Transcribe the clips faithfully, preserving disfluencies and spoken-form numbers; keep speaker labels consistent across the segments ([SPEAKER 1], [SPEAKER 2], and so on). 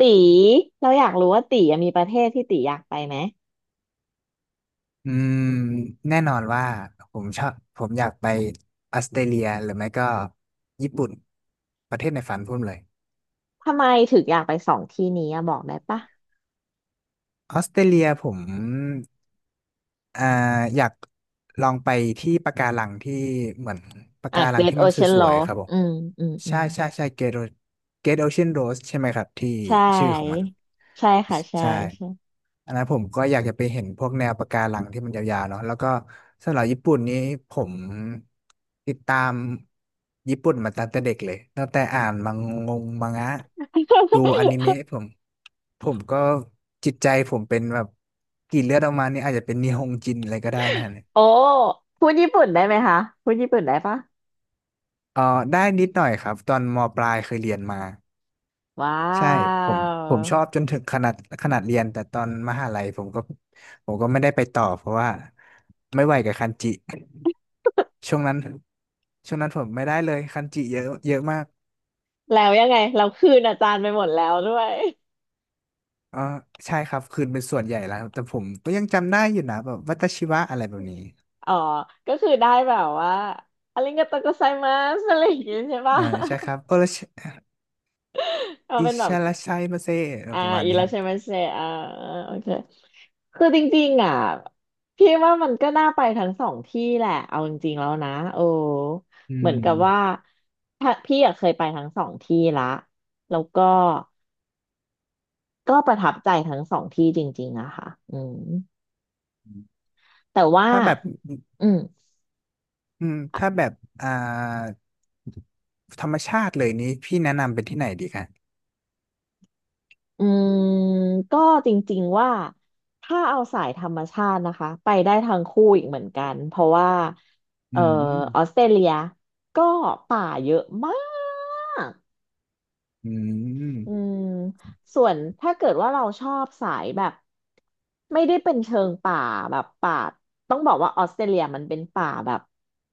[SPEAKER 1] ตีเราอยากรู้ว่าตีอะมีประเทศที่ตีอยากไปไหม
[SPEAKER 2] อืมแน่นอนว่าผมชอบผมอยากไปออสเตรเลียหรือไม่ก็ญี่ปุ่นประเทศในฝันผมเลย
[SPEAKER 1] ทำไมถึงอยากไปสองที่นี้อะบอกได้ปะ
[SPEAKER 2] ออสเตรเลียผมอ่าอยากลองไปที่ปะการังที่เหมือนปะ
[SPEAKER 1] อ่ะ
[SPEAKER 2] การัง
[SPEAKER 1] Great
[SPEAKER 2] ที่มันส
[SPEAKER 1] Ocean
[SPEAKER 2] วยๆค
[SPEAKER 1] Road
[SPEAKER 2] รับผม
[SPEAKER 1] อืม อืม อื
[SPEAKER 2] ใช่
[SPEAKER 1] ม
[SPEAKER 2] ใช่ใช่เกตเกตโอเชียนโรสใช่ไหมครับที่
[SPEAKER 1] ใช
[SPEAKER 2] ชื่อของมัน
[SPEAKER 1] ่ ใช่ค่ะใช่
[SPEAKER 2] ใช่
[SPEAKER 1] ใช่
[SPEAKER 2] อันนั้นผมก็อยากจะไปเห็นพวกแนวปะการังที่มันยาวๆเนาะแล้วก็สำหรับญี่ปุ่นนี้ผมติดตามญี่ปุ่นมาตั้งแต่เด็กเลยตั้งแต่อ่านมังงงมังงะดูอนิ เมะผมผมก็จิตใจผมเป็นแบบกรีดเลือดออกมานี่อาจจะเป็นนิฮงจินอะไรก็ได้นะฮะเนี่ย
[SPEAKER 1] โอ้ พูดญี่ปุ่นได้ไหมคะ พูดญี่ปุ่นได้ปะ
[SPEAKER 2] เออได้นิดหน่อยครับตอนมปลายเคยเรียนมา
[SPEAKER 1] ว้า
[SPEAKER 2] ใช่ผมผมชอบ
[SPEAKER 1] ว
[SPEAKER 2] จนถึงขนาดขนาดเรียนแต่ตอนมหาลัยผมก็ผมก็ไม่ได้ไปต่อเพราะว่าไม่ไหวกับคันจิ ช่วงนั้นช่วงนั้นผมไม่ได้เลยคันจิเยอะเยอะมาก
[SPEAKER 1] แล้วยังไง เราคืนอาจารย์ไปหมดแล้วด้วย
[SPEAKER 2] อ๋อใช่ครับคืนเป็นส่วนใหญ่แล้วแต่ผมก็ยังจำได้อยู่นะแบบวัตชิวะอะไรแบบนี้
[SPEAKER 1] อ๋อ ก็คือได้แบบว่าอาริงโกโตโกไซมัสอะไรอย่างงี้ใช่ปะ
[SPEAKER 2] อ่าใช่ครับโอรช
[SPEAKER 1] เอา
[SPEAKER 2] อิ
[SPEAKER 1] เป็นแบบ
[SPEAKER 2] ชาราชัยมาเซเออ
[SPEAKER 1] อ่า
[SPEAKER 2] ประมาณ
[SPEAKER 1] อี
[SPEAKER 2] นี้
[SPEAKER 1] ลา
[SPEAKER 2] ครับ
[SPEAKER 1] เชมัสเซอ่าโอเคคือจริงๆอ่ะพี่ว่ามันก็น่าไปทั้งสองที่แหละเอาจริงๆแล้วนะโอ้
[SPEAKER 2] อื
[SPEAKER 1] เหมือนกับว่า
[SPEAKER 2] ม
[SPEAKER 1] ถ้าพี่อะเคยไปทั้งสองที่ละแล้วก็ก็ประทับใจทั้งสองที่จริงๆอะค่ะอืมแต่ว่า
[SPEAKER 2] ถ้าแบบ
[SPEAKER 1] อืม
[SPEAKER 2] อืมถ้า
[SPEAKER 1] อ
[SPEAKER 2] แบบอ่าธรรมชาติเลยนี้พี่แนะนำเป็นที่ไหนดีคะ
[SPEAKER 1] อืมก็จริงๆว่าถ้าเอาสายธรรมชาตินะคะไปได้ทั้งคู่อีกเหมือนกันเพราะว่า
[SPEAKER 2] อื
[SPEAKER 1] เอ่อออส
[SPEAKER 2] ม
[SPEAKER 1] เตรเลียก็
[SPEAKER 2] อื
[SPEAKER 1] อื
[SPEAKER 2] ม
[SPEAKER 1] มส่วนถ้าเกิดว่าเราชอบสายแบบไม่ได้เป็นเชิงป่าแบบป่าต้องบอกว่าออสเตรเลียมันเป็นป่าแบบ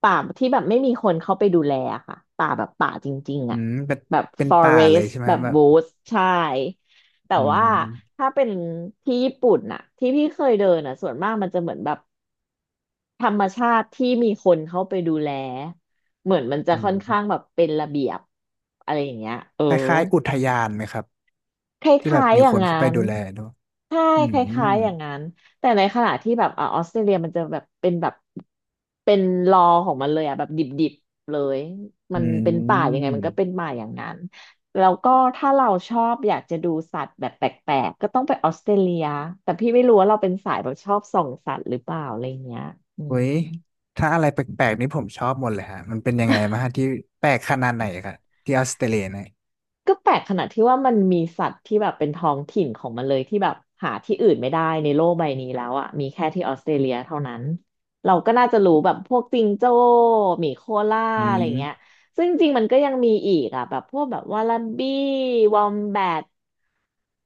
[SPEAKER 1] ป่าที่แบบไม่มีคนเข้าไปดูแลอะค่ะป่าแบบป่าจริงๆ
[SPEAKER 2] อื
[SPEAKER 1] อ่ะ
[SPEAKER 2] มเป็น
[SPEAKER 1] แบบ
[SPEAKER 2] เป็นป่าเลย
[SPEAKER 1] forest
[SPEAKER 2] ใช่ไหม
[SPEAKER 1] แบ
[SPEAKER 2] ครั
[SPEAKER 1] บ
[SPEAKER 2] บแบบ
[SPEAKER 1] woods ใช่แต่
[SPEAKER 2] อื
[SPEAKER 1] ว่า
[SPEAKER 2] ม
[SPEAKER 1] ถ้าเป็นที่ญี่ปุ่นน่ะที่พี่เคยเดินน่ะส่วนมากมันจะเหมือนแบบธรรมชาติที่มีคนเข้าไปดูแลเหมือนมันจะ
[SPEAKER 2] อื
[SPEAKER 1] ค่อน
[SPEAKER 2] ม
[SPEAKER 1] ข้างแบบเป็นระเบียบอะไรอย่างเงี้ยเออ
[SPEAKER 2] คล้ายๆอุทยานไหมครับ
[SPEAKER 1] ค
[SPEAKER 2] ที่แบ
[SPEAKER 1] ล้า
[SPEAKER 2] บ
[SPEAKER 1] ย
[SPEAKER 2] มี
[SPEAKER 1] ๆอย่า
[SPEAKER 2] ค
[SPEAKER 1] ง
[SPEAKER 2] น
[SPEAKER 1] นั้
[SPEAKER 2] เข้าไป
[SPEAKER 1] น
[SPEAKER 2] ดูแลด้วย
[SPEAKER 1] ใช่
[SPEAKER 2] อื
[SPEAKER 1] ค
[SPEAKER 2] ม
[SPEAKER 1] ล้ายๆอย่างนั้นแต่ในขณะที่แบบอ่าออสเตรเลียมันจะแบบเป็นแบบเป็นรอของมันเลยอ่ะแบบดิบๆเลยมัน
[SPEAKER 2] อื
[SPEAKER 1] เป็นป่ายังไง
[SPEAKER 2] ม
[SPEAKER 1] มันก็เป็นป่าอย่างนั้นแล้วก็ถ้าเราชอบอยากจะดูสัตว์แบบแปลกๆก็ต้องไปออสเตรเลียแต่พี่ไม่รู้ว่าเราเป็นสายแบบชอบส่องสัตว์หรือเปล่าอะไรเงี้ยอื
[SPEAKER 2] เว้
[SPEAKER 1] ม
[SPEAKER 2] ยถ้าอะไรแปลกๆนี่ผมชอบหมดเลยฮะ มันเป็นยังไงมาฮะที่แปลกขนาดไหนครับที่ออสเตรเลียเนี่ย
[SPEAKER 1] ก็แปลกขนาดที่ว่ามันมีสัตว์ที่แบบเป็นท้องถิ่นของมันเลยที่แบบหาที่อื่นไม่ได้ในโลกใบนี้แล้วอ่ะมีแค่ที่ออสเตรเลียเท่านั้นเราก็น่าจะรู้แบบพวกจิงโจ้หมีโคล่า
[SPEAKER 2] อื
[SPEAKER 1] อะไร
[SPEAKER 2] ม
[SPEAKER 1] เงี้ยซึ่งจริงๆมันก็ยังมีอีกอ่ะแบบพวกแบบวาลาบี้วอมแบท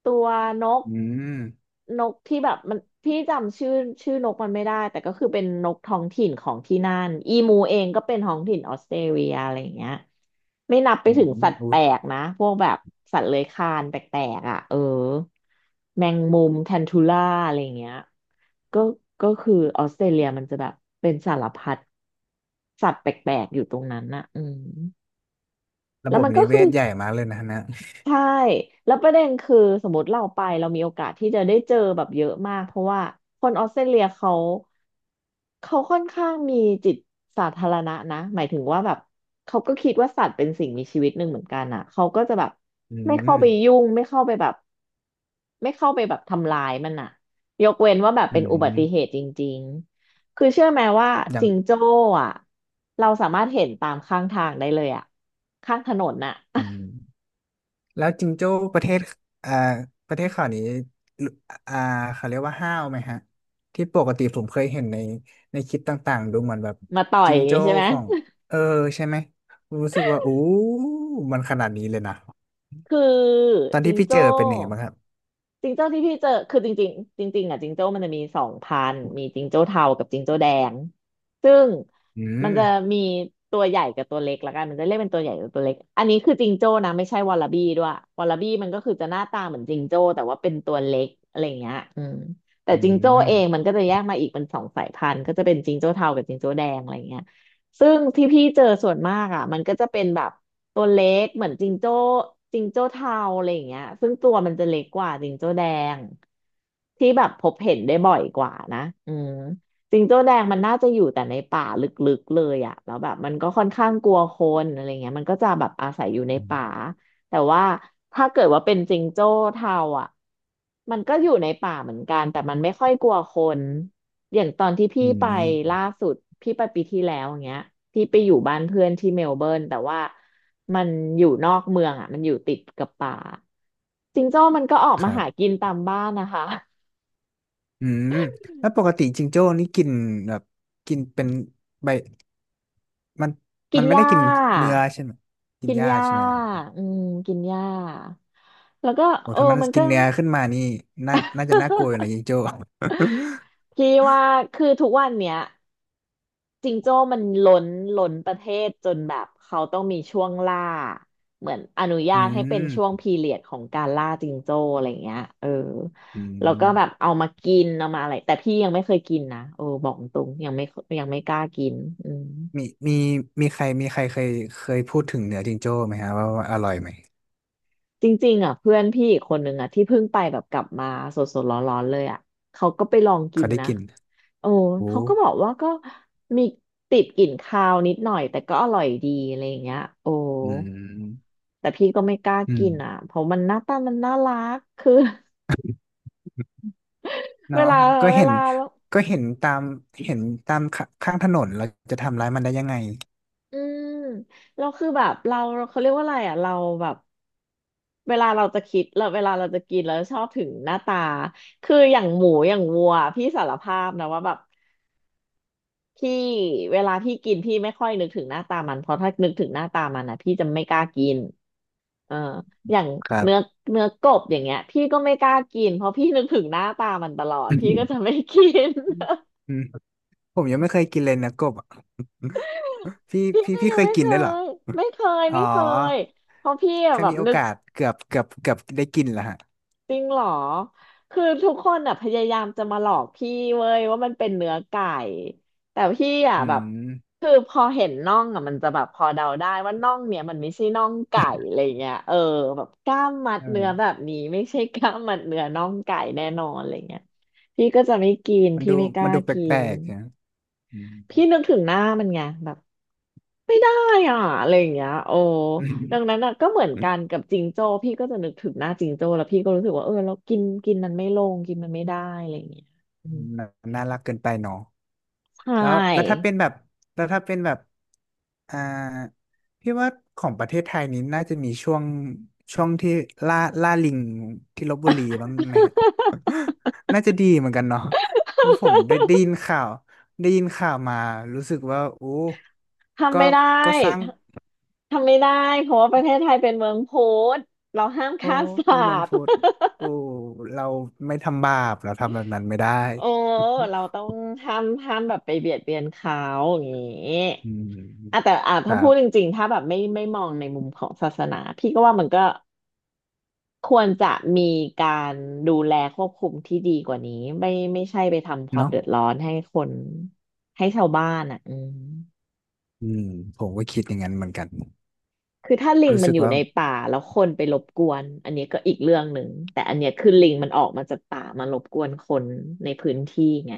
[SPEAKER 1] ตัวนก
[SPEAKER 2] อืม
[SPEAKER 1] นกที่แบบมันพี่จำชื่อชื่อนกมันไม่ได้แต่ก็คือเป็นนกท้องถิ่นของที่นั่นอีมูเองก็เป็นท้องถิ่นออสเตรเลียอะไรอย่างเงี้ยไม่นับไป
[SPEAKER 2] อื
[SPEAKER 1] ถึง
[SPEAKER 2] ม
[SPEAKER 1] สัตว์
[SPEAKER 2] โอ้
[SPEAKER 1] แปลกนะพวกแบบสัตว์เลื้อยคลานแปลกๆอ่ะเออแมงมุมแทนทูล่าอะไรอย่างเงี้ยก็ก็คือออสเตรเลียมันจะแบบเป็นสารพัดสัตว์แปลกๆอยู่ตรงนั้นน่ะอืม
[SPEAKER 2] ระ
[SPEAKER 1] แล้
[SPEAKER 2] บ
[SPEAKER 1] ว
[SPEAKER 2] บ
[SPEAKER 1] มันก็
[SPEAKER 2] นิเว
[SPEAKER 1] คือ
[SPEAKER 2] ศใหญ่มากเลยนะฮะนะ
[SPEAKER 1] ใช่แล้วประเด็นคือสมมติเราไปเรามีโอกาสที่จะได้เจอแบบเยอะมากเพราะว่าคนออสเตรเลียเขาเขาค่อนข้างมีจิตสาธารณะนะหมายถึงว่าแบบเขาก็คิดว่าสัตว์เป็นสิ่งมีชีวิตหนึ่งเหมือนกันอ่ะเขาก็จะแบบ
[SPEAKER 2] อื
[SPEAKER 1] ไม่เข้า
[SPEAKER 2] ม
[SPEAKER 1] ไปยุ่งไม่เข้าไปแบบไม่เข้าไปแบบทำลายมันอ่ะยกเว้นว่าแบบ
[SPEAKER 2] อื
[SPEAKER 1] เป็นอุบัติเห
[SPEAKER 2] ม
[SPEAKER 1] ตุจริงๆคือเชื่อไหมว่า
[SPEAKER 2] ยัง
[SPEAKER 1] จิงโจ้อ่ะเราสามารถเห็นตามข้างทางได้เลยอ่ะข้างถนนน่ะ
[SPEAKER 2] อืม แล้วจิงโจ้ประเทศอ่าประเทศเขานี้ลุอ่าเขาเรียกว่าห้าวไหมฮะที่ปกติผมเคยเห็นในในคลิปต่างๆดูเหมือนแบบ
[SPEAKER 1] มาต่อย
[SPEAKER 2] จิ
[SPEAKER 1] อ
[SPEAKER 2] ง
[SPEAKER 1] ย่างงี้
[SPEAKER 2] โจ้
[SPEAKER 1] ใช่ไหม
[SPEAKER 2] ของเออใช่ไหมรู้สึกว่าอู้มันขนาดนี้เลยนะ
[SPEAKER 1] คือ
[SPEAKER 2] ตอน
[SPEAKER 1] จิ
[SPEAKER 2] ที่
[SPEAKER 1] ง
[SPEAKER 2] พี่เจ
[SPEAKER 1] โจ้
[SPEAKER 2] อเป็นยังไงบ้างครับ
[SPEAKER 1] จิงโจ้ที่พี่เจอคือจริงๆจริงๆอ่ะจิงโจ้มันจะมีสองพันธุ์มีจิงโจ้เทากับจิงโจ้แดงซึ่ง
[SPEAKER 2] อื
[SPEAKER 1] มันจะ
[SPEAKER 2] ม
[SPEAKER 1] มีตัวใหญ่กับตัวเล็กละกันมันจะเรียกเป็นตัวใหญ่กับตัวเล็กอันนี้คือจิงโจ้นะไม่ใช่วอลลาบี้ด้วยวอลลาบี้มันก็คือจะหน้าตาเหมือนจิงโจ้แต่ว่าเป็นตัวเล็กอะไรอย่างเงี้ยอืมแต่
[SPEAKER 2] อื
[SPEAKER 1] จิงโจ้
[SPEAKER 2] ม
[SPEAKER 1] เองมันก็จะแยกมาอีกเป็นสองสายพันธุ์ก็จะเป็นจิงโจ้เทากับจิงโจ้แดงอะไรอย่างเงี้ย ซึ่งที่พี่เจอส่วนมากอ่ะมันก็จะเป็นแบบตัวเล็กเหมือนจิงโจ้จิงโจ้เทาอะไรอย่างเงี้ยซึ่งตัวมันจะเล็กกว่าจิงโจ้แดงที่แบบพบเห็นได้บ่อยกว่านะอืมจิงโจ้แดงมันน่าจะอยู่แต่ในป่าลึกๆเลยอ่ะแล้วแบบมันก็ค่อนข้างกลัวคนอะไรเงี้ยมันก็จะแบบอาศัยอยู่ใน
[SPEAKER 2] อื
[SPEAKER 1] ป่า
[SPEAKER 2] ม
[SPEAKER 1] แต่ว่าถ้าเกิดว่าเป็นจิงโจ้เทาอ่ะมันก็อยู่ในป่าเหมือนกันแต่มันไม่ค่อยกลัวคนอย่างตอนที่พี่
[SPEAKER 2] อื
[SPEAKER 1] ไปล่า
[SPEAKER 2] ม
[SPEAKER 1] สุดพี่ไปปีที่แล้วอย่างเงี้ยพี่ไปอยู่บ้านเพื่อนที่เมลเบิร์นแต่ว่ามันอยู่นอกเมืองอ่ะมันอยู่ติดกับป่าจิงโจ้มันก็ออก
[SPEAKER 2] ค
[SPEAKER 1] มา
[SPEAKER 2] รั
[SPEAKER 1] หา
[SPEAKER 2] บ
[SPEAKER 1] กินตามบ้านนะคะ
[SPEAKER 2] อืมแล้วปกติจิงโจ้นี่กินแบบกินเป็นใบมัน
[SPEAKER 1] กิ
[SPEAKER 2] มั
[SPEAKER 1] น
[SPEAKER 2] น
[SPEAKER 1] ห
[SPEAKER 2] ไม่ได้
[SPEAKER 1] ญ้า
[SPEAKER 2] กินเนื้อใช่ไหมกิน
[SPEAKER 1] กิน
[SPEAKER 2] ห
[SPEAKER 1] ห
[SPEAKER 2] ญ้า
[SPEAKER 1] ญ้า
[SPEAKER 2] ใช่ไหม
[SPEAKER 1] อืมกินหญ้าแล้วก็
[SPEAKER 2] โอ้
[SPEAKER 1] เอ
[SPEAKER 2] ถ้า
[SPEAKER 1] อ
[SPEAKER 2] มัน
[SPEAKER 1] มัน
[SPEAKER 2] กิ
[SPEAKER 1] ก็
[SPEAKER 2] น เนื้อขึ้นมานี่ น่าน่าจะน่ากลัวอยู่นะยิงโจ้
[SPEAKER 1] พี่ว่าคือทุกวันเนี้ย จิงโจ้มันล้นล้นประเทศจนแบบเขาต้องมีช่วงล่าเหมือนอนุญา
[SPEAKER 2] อื
[SPEAKER 1] ตให้เป็นช่วง
[SPEAKER 2] ม
[SPEAKER 1] พีเรียดของการล่าจิงโจ้อะไรเงี้ยเออ
[SPEAKER 2] อื
[SPEAKER 1] แล้วก็
[SPEAKER 2] ม
[SPEAKER 1] แบบเอามากินเอามาอะไรแต่พี่ยังไม่เคยกินนะเออบอกตรงยังไม่ยังไม่กล้ากินอืม
[SPEAKER 2] มีมีมีใครมีใครเคยเคยพูดถึงเนื้อจิงโจ้ไหมฮะว่าว่าอร่อยไหม
[SPEAKER 1] จริงๆอ่ะเพื่อนพี่อีกคนนึงอ่ะที่เพิ่งไปแบบกลับมาสดๆร้อนๆเลยอ่ะเขาก็ไปลองกิ
[SPEAKER 2] เขา
[SPEAKER 1] น
[SPEAKER 2] ได้
[SPEAKER 1] นะ
[SPEAKER 2] กิน
[SPEAKER 1] โอ้
[SPEAKER 2] โอ้
[SPEAKER 1] เขาก็บอกว่าก็มีติดกลิ่นคาวนิดหน่อยแต่ก็อร่อยดีอะไรอย่างเงี้ยโอ้
[SPEAKER 2] อืม
[SPEAKER 1] แต่พี่ก็ไม่กล้า
[SPEAKER 2] อื
[SPEAKER 1] กิ
[SPEAKER 2] ม
[SPEAKER 1] นอ่ะเพราะมันหน้าตามันน่ารักคือ เว
[SPEAKER 2] เนาะ
[SPEAKER 1] ลา
[SPEAKER 2] ก็
[SPEAKER 1] เว
[SPEAKER 2] เห็น
[SPEAKER 1] ลา
[SPEAKER 2] ก็เห็นตามเห็นตามขข้างถนนเราจะทำร้ายมันได้ยังไง
[SPEAKER 1] อืมเราคือแบบเราเขาเรียกว่าอะไรอ่ะเราแบบเวลาเราจะคิดแล้วเวลาเราจะกินแล้วชอบถึงหน้าตาคืออย่างหมูอย่างวัวพี่สารภาพนะว่าแบบพี่เวลาพี่กินพี่ไม่ค่อยนึกถึงหน้าตามันเพราะถ้านึกถึงหน้าตามันนะพี่จะไม่กล้ากินเอออย่าง
[SPEAKER 2] ครับ
[SPEAKER 1] เนื้อเนื้อกบอย่างเงี้ยพี่ก็ไม่กล้ากินเพราะพี่นึกถึงหน้าตามันตลอ ด
[SPEAKER 2] อื
[SPEAKER 1] พี่ก็จะ
[SPEAKER 2] ม
[SPEAKER 1] ไม่กิน
[SPEAKER 2] อืมผมยังไม่เคยกินเลยนะกบอะ พี่
[SPEAKER 1] พี่
[SPEAKER 2] พี่
[SPEAKER 1] ก็
[SPEAKER 2] พี่
[SPEAKER 1] ยั
[SPEAKER 2] เค
[SPEAKER 1] ง
[SPEAKER 2] ย
[SPEAKER 1] ไม่
[SPEAKER 2] กิ
[SPEAKER 1] เค
[SPEAKER 2] นได้วยเหรอ
[SPEAKER 1] ยไม่เคย
[SPEAKER 2] อ๋อ
[SPEAKER 1] ไม่เคยเพราะพี่อะ
[SPEAKER 2] แค่
[SPEAKER 1] แบบ
[SPEAKER 2] มีโอ
[SPEAKER 1] นึก
[SPEAKER 2] กาสเกือบเกือบเกือบได้กินแล้วฮะ
[SPEAKER 1] จริงเหรอคือทุกคนอ่ะพยายามจะมาหลอกพี่เว้ยว่ามันเป็นเนื้อไก่แต่พี่อ่ะ
[SPEAKER 2] อื
[SPEAKER 1] แบบ
[SPEAKER 2] ม
[SPEAKER 1] คือพอเห็นน่องอ่ะมันจะแบบพอเดาได้ว่าน่องเนี่ยมันไม่ใช่น่องไก่อะไรเงี้ยเออแบบกล้ามมัด
[SPEAKER 2] เอ
[SPEAKER 1] เนื้อแบ
[SPEAKER 2] อ
[SPEAKER 1] บนี้ไม่ใช่กล้ามมัดเนื้อน่องไก่แน่นอนอะไรเงี้ยพี่ก็จะไม่กิน
[SPEAKER 2] มัน
[SPEAKER 1] พี่
[SPEAKER 2] ดู
[SPEAKER 1] ไม่ก
[SPEAKER 2] มั
[SPEAKER 1] ล้า
[SPEAKER 2] นดู
[SPEAKER 1] กิ
[SPEAKER 2] แปล
[SPEAKER 1] น
[SPEAKER 2] กๆนะอืม
[SPEAKER 1] พี่นึกถึงหน้ามันไงแบบ ไม่ได้อ่ะอะไรอย่างเงี้ยโอ้
[SPEAKER 2] อื
[SPEAKER 1] ดังนั้นอ่ะก็เหมือน
[SPEAKER 2] ม
[SPEAKER 1] กั
[SPEAKER 2] น
[SPEAKER 1] นกับจิงโจ้พี่ก็จะนึกถึงหน้าจิงโจ้แล้วพี่ก็รู้สึกว่าเออเรากินกินมันไม่ลงกินมันไม่ได้อะไรอย่างเงี้ยอืม
[SPEAKER 2] าน่ารักเกินไปเนาะ
[SPEAKER 1] ใช
[SPEAKER 2] แล้วแล้วถ้า
[SPEAKER 1] ่
[SPEAKER 2] เป็นแบบแล้วถ้าเป็นแบบอ่าพี่ว่าของประเทศไทยนี้น่าจะมีช่วงช่วงที่ล่าล่าลิงที่ลพบุรีบ้างไหมครับน่าจะดีเหมือนกันเนาะเพราะผมได้ได้ยินข่าวได้ยินข่าวมารู้สึกว่าโอ้
[SPEAKER 1] ทำ
[SPEAKER 2] ก็
[SPEAKER 1] ไม่ได้
[SPEAKER 2] ก็สร้าง
[SPEAKER 1] ทำทำไม่ได้เพราะว่าประเทศไทยเป็นเมืองพุทธเราห้าม
[SPEAKER 2] โอ้
[SPEAKER 1] ฆ่า
[SPEAKER 2] เป็
[SPEAKER 1] สั
[SPEAKER 2] นมัง
[SPEAKER 1] ตว์
[SPEAKER 2] คุด โอ้เราไม่ทำบาปเราทำแบบนั้นไม่ได้
[SPEAKER 1] โอ้เรา ต้องห้ามห้ามแบบไปเบียดเบียนเขาอย่างนี้
[SPEAKER 2] อืม
[SPEAKER 1] อ่ะแต่อ่ะ
[SPEAKER 2] ค
[SPEAKER 1] ถ้า
[SPEAKER 2] รั
[SPEAKER 1] พู
[SPEAKER 2] บ
[SPEAKER 1] ดจริงๆถ้าแบบไม่ไม่มองในมุมของศาสนาพี่ก็ว่ามันก็ ควรจะมีการดูแลควบคุมที่ดีกว่านี้ไม่ไม่ใช่ไปทำความ
[SPEAKER 2] เนาะ
[SPEAKER 1] เดือดร้อนให้คนให้ชาวบ้านอ่ะอืม
[SPEAKER 2] อืมผมก็คิดอย่างนั้นเหมือนกัน
[SPEAKER 1] คือถ้าลิง
[SPEAKER 2] รู้
[SPEAKER 1] มัน
[SPEAKER 2] สึก
[SPEAKER 1] อยู่
[SPEAKER 2] ว่า
[SPEAKER 1] ในป่าแล้วคนไปรบกวนอันนี้ก็อีกเรื่องหนึ่งแต่อันเนี้ยคือลิงมันออกมาจากป่ามารบกวนคนในพื้นที่ไง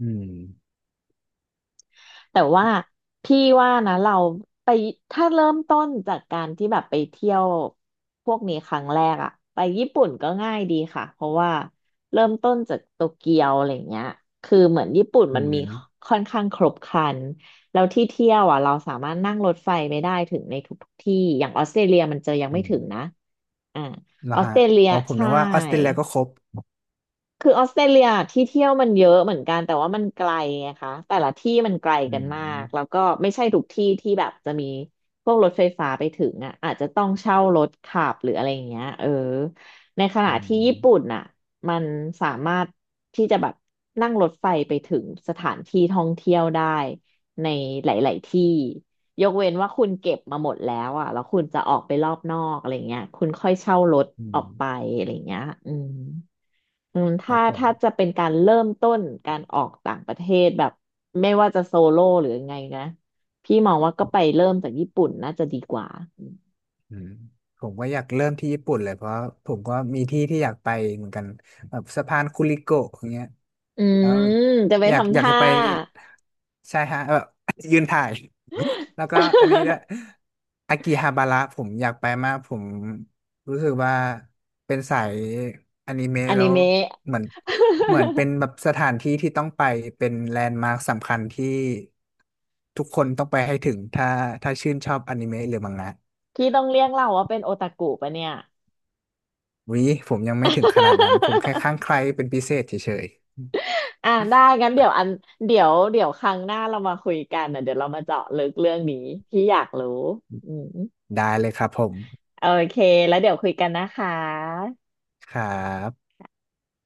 [SPEAKER 2] อืม
[SPEAKER 1] แต่ว่าพี่ว่านะเราไปถ้าเริ่มต้นจากการที่แบบไปเที่ยวพวกนี้ครั้งแรกอะไปญี่ปุ่นก็ง่ายดีค่ะเพราะว่าเริ่มต้นจากโตเกียวอะไรเงี้ยคือเหมือนญี่ปุ่น
[SPEAKER 2] อื
[SPEAKER 1] มันมี
[SPEAKER 2] ม
[SPEAKER 1] ค่อนข้างครบครันแล้วที่เที่ยวอ่ะเราสามารถนั่งรถไฟไปได้ถึงในทุกๆที่อย่างออสเตรเลียมันจะยัง
[SPEAKER 2] อื
[SPEAKER 1] ไม่ถึงนะ
[SPEAKER 2] ม
[SPEAKER 1] อ่า
[SPEAKER 2] แล้ว
[SPEAKER 1] ออส
[SPEAKER 2] ฮะ
[SPEAKER 1] เตรเลีย
[SPEAKER 2] อ๋อผม
[SPEAKER 1] ใช่
[SPEAKER 2] นึกว่าออสเตรเลียก็ครบ
[SPEAKER 1] คือออสเตรเลียที่เที่ยวมันเยอะเหมือนกันแต่ว่ามันไกลไงคะแต่ละที่มันไกล
[SPEAKER 2] อื
[SPEAKER 1] กันมากแล้ว
[SPEAKER 2] ม
[SPEAKER 1] ก็ไม่ใช่ทุกที่ที่แบบจะมีพวกรถไฟฟ้าไปถึงอ่ะอาจจะต้องเช่ารถขับหรืออะไรอย่างเงี้ยเออในขณะ
[SPEAKER 2] อื
[SPEAKER 1] ที่ญี่ปุ่น
[SPEAKER 2] ม
[SPEAKER 1] อ่ะมันสามารถที่จะแบบนั่งรถไฟไปถึงสถานที่ท่องเที่ยวได้ในหลายๆที่ยกเว้นว่าคุณเก็บมาหมดแล้วอ่ะแล้วคุณจะออกไปรอบนอกอะไรเงี้ยคุณค่อยเช่ารถ
[SPEAKER 2] อื
[SPEAKER 1] ออ
[SPEAKER 2] ม
[SPEAKER 1] กไปอะไรเงี้ยอืม อืม
[SPEAKER 2] ครั
[SPEAKER 1] ถ้า
[SPEAKER 2] บผม
[SPEAKER 1] ถ้าจะเป็นการเริ่มต้นการออกต่างประเทศแบบไม่ว่าจะโซโล่หรือยังไงนะพี่มองว่าก็ไปเริ่มจากญี่ปุ่นน่าจะดีกว่า
[SPEAKER 2] อืมผมก็อยากเริ่มที่ญี่ปุ่นเลยเพราะผมก็มีที่ที่อยากไปเหมือนกันแบบสะพานคุริโกะอย่างเงี้ย
[SPEAKER 1] อื
[SPEAKER 2] แล้
[SPEAKER 1] ม
[SPEAKER 2] ว
[SPEAKER 1] จะไป
[SPEAKER 2] อยาก
[SPEAKER 1] ทำ
[SPEAKER 2] อยาก
[SPEAKER 1] ท่า
[SPEAKER 2] จะไป ใช่ฮะแบบ ยืนถ่ายแล้วก็อันนี้ด้วย อากิฮาบาระผมอยากไปมากผมรู้สึกว่าเป็นสายอนิเมะ
[SPEAKER 1] อ
[SPEAKER 2] แล้
[SPEAKER 1] นิ
[SPEAKER 2] ว
[SPEAKER 1] เมะ
[SPEAKER 2] เหมือนเหมือ นเป็นแบบสถานที่ที่ต้องไปเป็นแลนด์มาร์คสำคัญที่ทุกคนต้องไปให้ถึงถ้าถ้าชื่นชอบอนิเมะหรือมังงะ
[SPEAKER 1] พี่ต้องเรียกเราว่าเป็นโอตาคุปะเนี่ย
[SPEAKER 2] วิผมยังไม่ถึงขนาดนั้นผมแค่ข้าง ใครเป็นพิเศษเฉย
[SPEAKER 1] อ่ะได้งั้นเดี๋ยวอันเดี๋ยวเดี๋ยวครั้งหน้าเรามาคุยกันนะเดี๋ยวเรามาเจาะลึกเรื่องนี้พี่อยากรู้อืม
[SPEAKER 2] ๆได้เลยครับผม
[SPEAKER 1] โอเคแล้วเดี๋ยวคุยกันนะคะ
[SPEAKER 2] ครับ